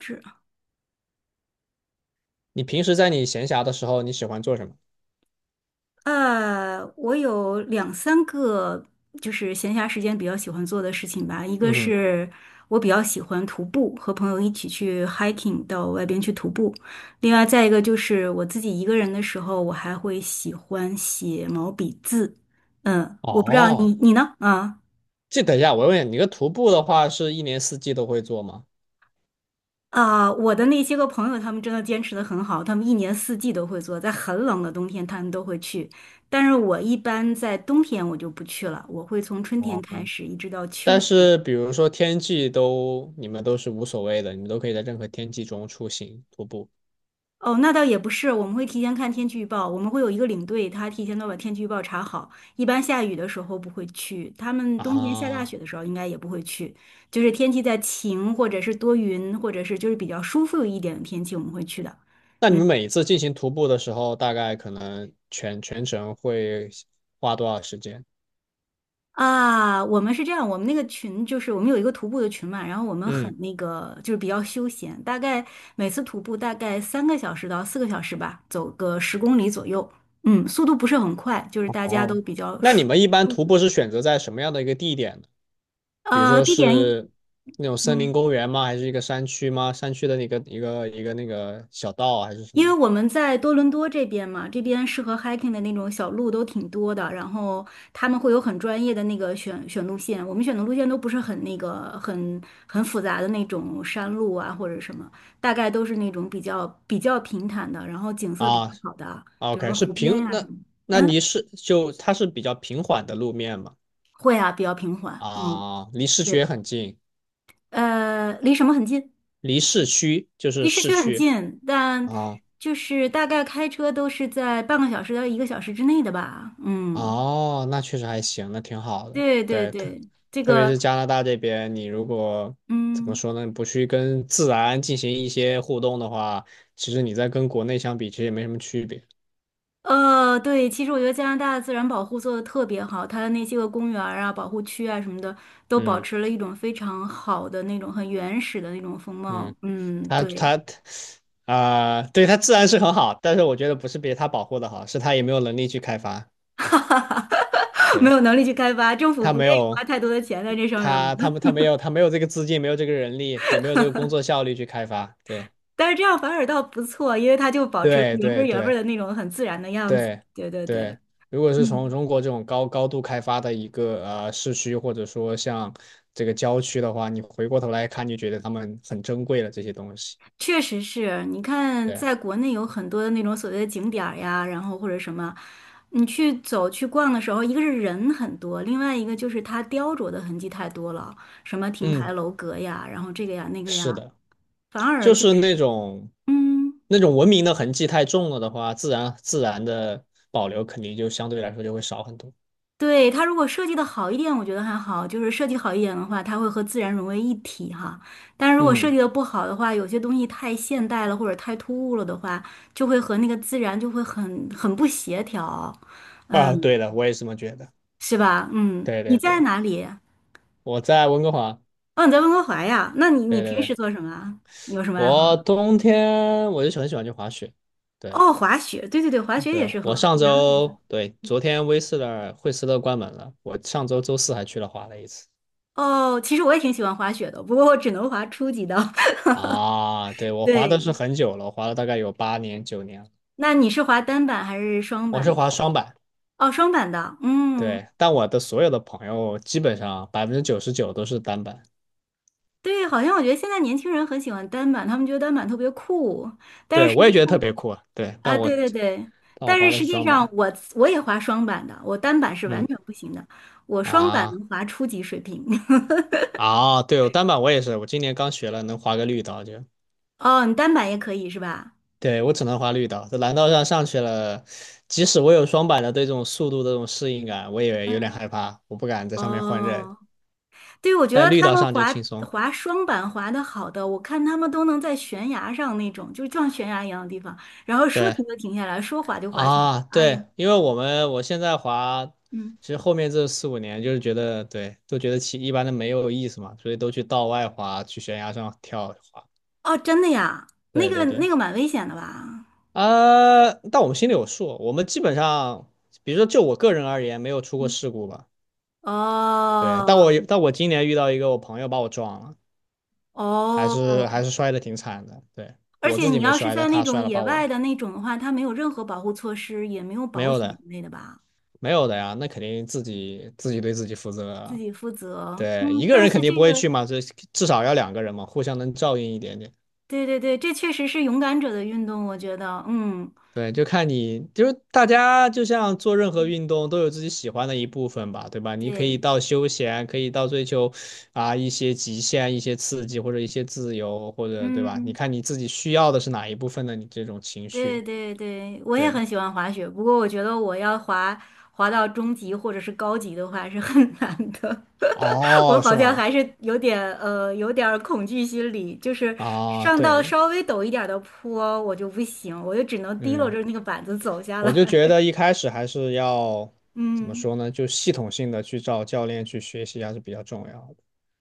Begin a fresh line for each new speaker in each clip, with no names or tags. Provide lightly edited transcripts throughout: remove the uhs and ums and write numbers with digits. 是
你平时在你闲暇的时候，你喜欢做什么？
我有两三个，就是闲暇时间比较喜欢做的事情吧。一个
嗯哼。
是我比较喜欢徒步，和朋友一起去 hiking 到外边去徒步。另外，再一个就是我自己一个人的时候，我还会喜欢写毛笔字。嗯，我不知道
哦，
你呢？啊。
这等一下，我问你，你个徒步的话是一年四季都会做吗？
啊、我的那些个朋友，他们真的坚持的很好，他们一年四季都会做，在很冷的冬天他们都会去，但是我一般在冬天我就不去了，我会从春天开
哦，
始一直到秋
但
天。
是比如说天气都，你们都是无所谓的，你们都可以在任何天气中出行徒步
哦，那倒也不是，我们会提前看天气预报，我们会有一个领队，他提前都把天气预报查好。一般下雨的时候不会去，他们冬天下大
啊。
雪的时候应该也不会去，就是天气在晴或者是多云，或者是就是比较舒服一点的天气我们会去的。
那你
嗯。
们每一次进行徒步的时候，大概可能全程会花多少时间？
啊，我们是这样，我们那个群就是我们有一个徒步的群嘛，然后我们很
嗯。
那个就是比较休闲，大概每次徒步大概3个小时到4个小时吧，走个10公里左右，嗯，速度不是很快，就是大家
哦，
都比较
那你
舒
们一般
舒
徒
服
步是选择在什么样的一个地点，比如说
地点，
是那种森林
嗯。
公园吗？还是一个山区吗？山区的那个一个那个小道啊，还是什
因为
么
我们在多伦多这边嘛，这边适合 hiking 的那种小路都挺多的，然后他们会有很专业的那个选路线，我们选的路线都不是很那个很复杂的那种山路啊或者什么，大概都是那种比较平坦的，然后景色比较
啊。
好的，
o
比如
k，
说
是
湖边
平
呀、什
那
么的。
那离
嗯，
市就它是比较平缓的路面嘛。
会啊，比较平缓。嗯，
啊，离市区也
对，
很近，
呃，离什么很近？
离市区就
离
是
市
市
区很
区
近，但
啊。
就是大概开车都是在半个小时到1个小时之内的吧。嗯。
哦，那确实还行，那挺好的。
对对
对，特
对，这
特别
个，
是加拿大这边，你如果怎么
嗯，
说呢，不去跟自然进行一些互动的话，其实你在跟国内相比，其实也没什么区别。
对，其实我觉得加拿大的自然保护做的特别好，它的那些个公园儿啊、保护区啊什么的，都保
嗯。
持了一种非常好的那种很原始的那种风貌。
嗯，
嗯，
他
对，
他啊、对，他自然是很好，但是我觉得不是别他保护的好，是他也没有能力去开发。
哈哈哈，没
对，
有能力去开发，政府
他
不
没
愿意花
有
太多的钱在这上面嘛。
他他们 他没有他没有这个资金，没有这个人力，也没有这个工作效率去开发。对，
但是这样反而倒不错，因为它就保持了
对，
原汁儿
对，
原味儿
对，
的那种很自然的样子。
对，
对对对，
对。如果是从
嗯。
中国这种高度开发的一个市区，或者说像这个郊区的话，你回过头来看，你觉得他们很珍贵了这些东西。
确实是，你看，
对。
在国内有很多的那种所谓的景点儿呀，然后或者什么，你去走去逛的时候，一个是人很多，另外一个就是它雕琢的痕迹太多了，什么亭
嗯，
台楼阁呀，然后这个呀那个
是
呀，
的。
反而
就
就
是那
是，
种
嗯，
那种文明的痕迹太重了的话，自然的保留肯定就相对来说就会少很多。
对，它如果设计的好一点，我觉得还好，就是设计好一点的话，它会和自然融为一体哈。但是如果设计
嗯。
的不好的话，有些东西太现代了或者太突兀了的话，就会和那个自然就会很不协调，
啊，
嗯。
对的，我也这么觉得。
是吧？嗯，
对，
你
对，
在
对，
哪里？
我在温哥华。
哦，你在温哥华呀？那你
对，对，
平
对，
时做什么啊？你有什么爱好
我
啊？
冬天我就很喜欢去滑雪。对，
哦，滑雪，对对对，滑雪也
对，
是很
我
好。
上
男孩
周，对，昨天威斯勒惠斯勒关门了，我上周周四还去了滑了一次。
哦，其实我也挺喜欢滑雪的，不过我只能滑初级的。
啊，对，我滑的
对，
是很久了，我滑了大概有8、9年了。
那你是滑单板还是双
我
板？
是滑双板。
哦，双板的。嗯，
对，但我的所有的朋友基本上99%都是单板。
对，好像我觉得现在年轻人很喜欢单板，他们觉得单板特别酷，但
对，
是实
我也
际
觉得特
上
别酷啊，对，但
啊，
我
对对对，
但我
但
滑
是
的
实
是
际
双
上
板。
我也滑双板的，我单板是完
嗯。
全不行的，我双板
啊。
能滑初级水平。
啊，对，我单板我也是，我今年刚学了，能滑个绿道就，
哦，你单板也可以是吧？
对，我只能滑绿道，在蓝道上上去了，即使我有双板的，对，这种速度的这种适应感，我也有点害怕，我不敢在上面换刃，
哦，对，我觉
但
得
绿
他
道
们
上就
滑
轻松。
滑双板滑的好的，我看他们都能在悬崖上那种，就像悬崖一样的地方，然后说
对。
停就停下来，说滑就滑起来。
啊，
哎
对，
呀，
因为我现在滑，
嗯，
其实后面这4、5年就是觉得，对，都觉得骑一般的没有意思嘛，所以都去道外滑，去悬崖上跳滑。
哦，真的呀，那
对，
个
对，对。
那个蛮危险的吧？
啊，但我们心里有数，我们基本上，比如说就我个人而言，没有出过
嗯，
事故吧。对，但
哦
我但我今年遇到一个我朋友把我撞了，还是还
哦，
是摔的挺惨的。对，
而
我
且
自己
你
没
要是
摔，但
在那
他
种
摔了
野
把
外
我，
的那种的话，它没有任何保护措施，也没有
没
保
有
险一
的，
类的吧，
没有的呀，那肯定自己对自己负责
自
啊。
己负责。
对，
嗯，
一个
但
人
是
肯定不
这
会
个
去嘛，这至少要两个人嘛，互相能照应一点点。
对对对，这确实是勇敢者的运动，我觉得，嗯，
对，就看你，就是大家就像做任何运动都有自己喜欢的一部分吧，对吧？你可以
对，
到休闲，可以到追求啊一些极限、一些刺激或者一些自由，或者对吧？你
嗯，
看你自己需要的是哪一部分的你这种情
对
绪？
对对，我也
对。
很喜欢滑雪，不过我觉得我要滑到中级或者是高级的话是很难的，我
哦，
好
是
像
吗？
还是有点有点儿恐惧心理，就是
啊，
上到
对。
稍微陡一点儿的坡我就不行，我就只能提溜
嗯，
着那个板子走下
我
来，
就觉得一开始还是要， 怎么
嗯，
说呢？就系统性的去找教练去学习还是比较重要的。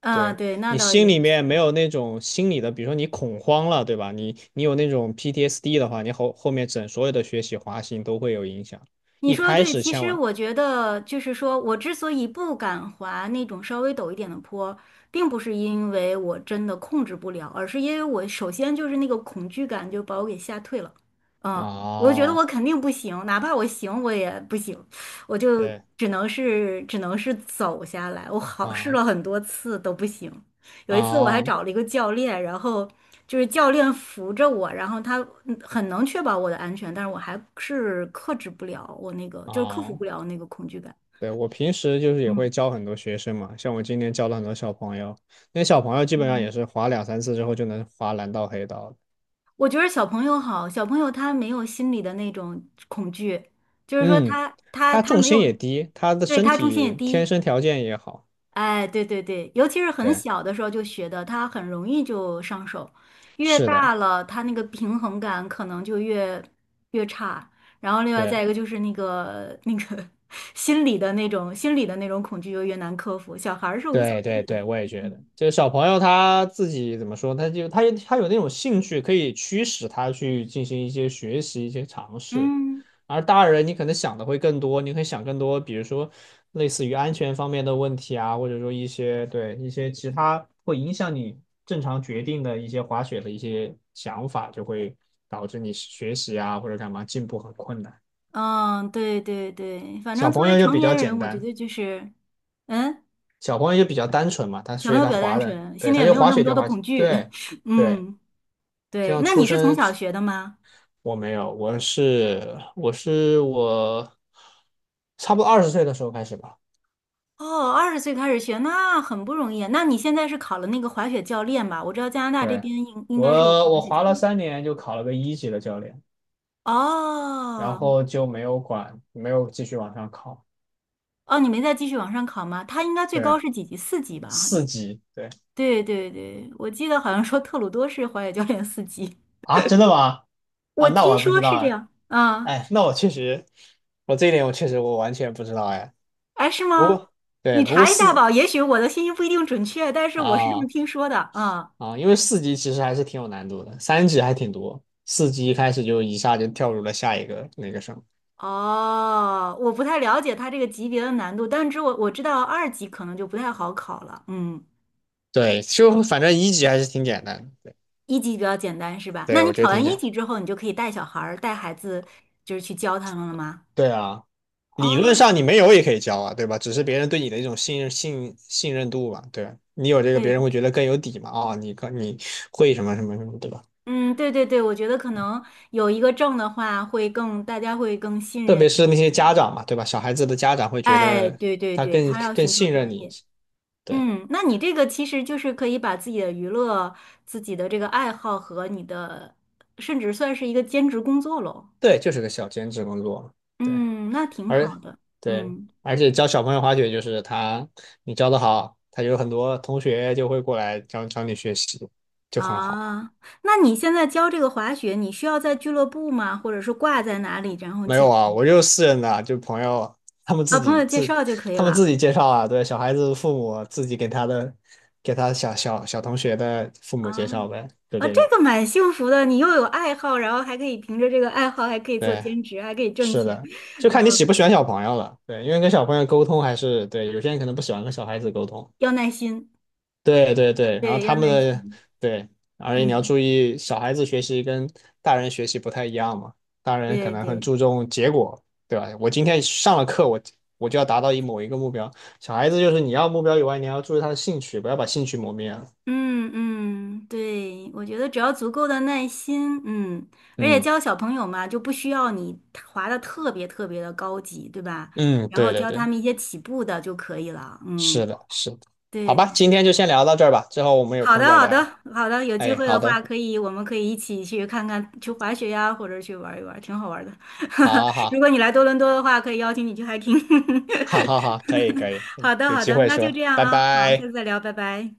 啊，
对，
对，那
你
倒
心
也
里面没
是，
有那种心理的，比如说你恐慌了，对吧？你有那种 PTSD 的话，你后面整所有的学习滑行都会有影响。
你
一
说的
开
对，
始
其
千
实
万
我觉得就是说，我之所以不敢滑那种稍微陡一点的坡，并不是因为我真的控制不了，而是因为我首先就是那个恐惧感就把我给吓退了。嗯，我就觉得
啊。
我肯定不行，哪怕我行，我也不行，我就
对
只能是走下来。我好试
啊
了很多次都不行，有一次我还
啊
找了一个教练，然后就是教练扶着我，然后他嗯很能确保我的安全，但是我还是克制不了我那个，就是克服
啊，
不了那个恐惧感。
对，我平时就是也会
嗯
教很多学生嘛，像我今年教了很多小朋友，那小朋友基本上
嗯，
也是滑两三次之后就能滑蓝道黑道了。
我觉得小朋友好，小朋友他没有心里的那种恐惧，就是说
嗯，
他他
他
他
重
没
心
有，
也低，他的
对，
身
他重心也
体天
低。
生条件也好。
哎，对对对，尤其是很
对，
小的时候就学的，他很容易就上手，越
是的。
大了，他那个平衡感可能就越越差。然后另外
对。
再一个就是那个 心理的那种恐惧就越难克服，小孩儿是无所
对，对，
谓的。
对，我也觉得，就是小朋友他自己怎么说，他就他他有那种兴趣，可以驱使他去进行一些学习、一些尝试。
嗯
而大人，你可能想的会更多，你可以想更多，比如说类似于安全方面的问题啊，或者说一些对一些其他会影响你正常决定的一些滑雪的一些想法，就会导致你学习啊或者干嘛进步很困难。
嗯，对对对，反正
小
作
朋
为
友就
成
比较
年人，
简
我觉
单。
得就是，嗯，
小朋友就比较单纯嘛，他
小
所
朋
以
友
他
比较单
滑的，
纯，心
对，
里
他
也
就
没有
滑
那么
雪
多
就
的
滑。
恐惧。
对， 对，
嗯，
就
对，
像
那
出
你是从
生，
小学的吗？
我没有，我差不多20岁的时候开始吧。
哦，20岁开始学，那很不容易啊。那你现在是考了那个滑雪教练吧？我知道加拿大这
对，
边应该是有
我
滑
我
雪
滑
教
了
练。
3年就考了个一级的教练，然
哦，
后就没有管，没有继续往上考。
哦，你没再继续往上考吗？他应该最高
对，
是几级？四级吧？好像。
四级，对
对对对，我记得好像说特鲁多是滑雪教练四级，
啊，真的吗？啊，
我
那我
听
还不
说
知道
是这
哎。
样。啊，
哎，那我确实，我这一点我确实我完全不知道哎，
哎，是
不
吗？
过对，
你
不过
查一下
四
吧，也许我的信息不一定准确，但是我是这么
啊。
听说的。啊。
啊。因为四级其实还是挺有难度的，三级还挺多，四级一开始就一下就跳入了下一个那个什么。
哦，我不太了解它这个级别的难度，但是我知道二级可能就不太好考了，嗯，
对，就反正一级还是挺简单的。对，
一级比较简单是吧？那
对，
你
我觉得
考
挺
完
简
一
单。
级之后，你就可以带小孩儿、带孩子，就是去教他们了吗？
对啊，理论
哦，
上你没有也可以教啊，对吧？只是别人对你的一种信任度吧，对吧，你有这个，别人
对，
会觉得更有底嘛。啊、你会什么什么什么，对吧？
嗯，对对对，我觉得可能有一个证的话，会更大家会更信
特
任一
别是那些
些。
家长嘛，对吧？小孩子的家长会觉
哎，
得
对对
他
对，
更
他要
更
寻求
信
专
任你。
业。
对，
嗯，那你这个其实就是可以把自己的娱乐、自己的这个爱好和你的，甚至算是一个兼职工作喽。
对，就是个小兼职工作嘛。对。
嗯，那挺
而
好的。
对，
嗯
而且教小朋友滑雪就是他，你教的好，他有很多同学就会过来教教你学习，就很好。
啊，那你现在教这个滑雪，你需要在俱乐部吗？或者是挂在哪里，然后
没有
教？
啊，我就是私人的啊，就朋友他们
啊，
自
朋
己
友介
自
绍就可以
他们自
了。
己介绍啊。对，小孩子父母自己给他小同学的父母
啊
介绍呗，就
啊，
这
这
种。
个蛮幸福的，你又有爱好，然后还可以凭着这个爱好，还可以做
对，
兼职，还可以挣
是
钱。
的，就看你喜不
呃
喜欢小朋友了。对，因为跟小朋友沟通还是，对，有些人可能不喜欢跟小孩子沟通。
要耐心，
对，对，对，然后
对，
他
要
们
耐
的，
心。
对，而且你要
嗯，
注意，小孩子学习跟大人学习不太一样嘛，大人可
对
能很
对。
注重结果，对吧？我今天上了课，我就要达到某一个目标，小孩子就是你要目标以外，你还要注意他的兴趣，不要把兴趣磨灭了。
嗯嗯，对，我觉得只要足够的耐心，嗯，而且
嗯
教小朋友嘛，就不需要你滑的特别特别的高级，对吧？
嗯。
然后
对，对，
教他
对，
们一些起步的就可以了，嗯，
是的，是的。好
对，
吧，今
对
天就先聊到这儿吧，之后我们有
好
空
的，
再
好的，
聊。
好的，有机
哎，
会的
好
话，
的，
可以，我们可以一起去看看，去滑雪呀，或者去玩一玩，挺好玩的。
好，
如
好，
果你来多伦多的话，可以邀请你去 hiking。
好，好，好，可以，可以，嗯
好的，
有
好
机
的，
会
那就这
说，
样
拜
啊，好，下
拜。
次再聊，拜拜。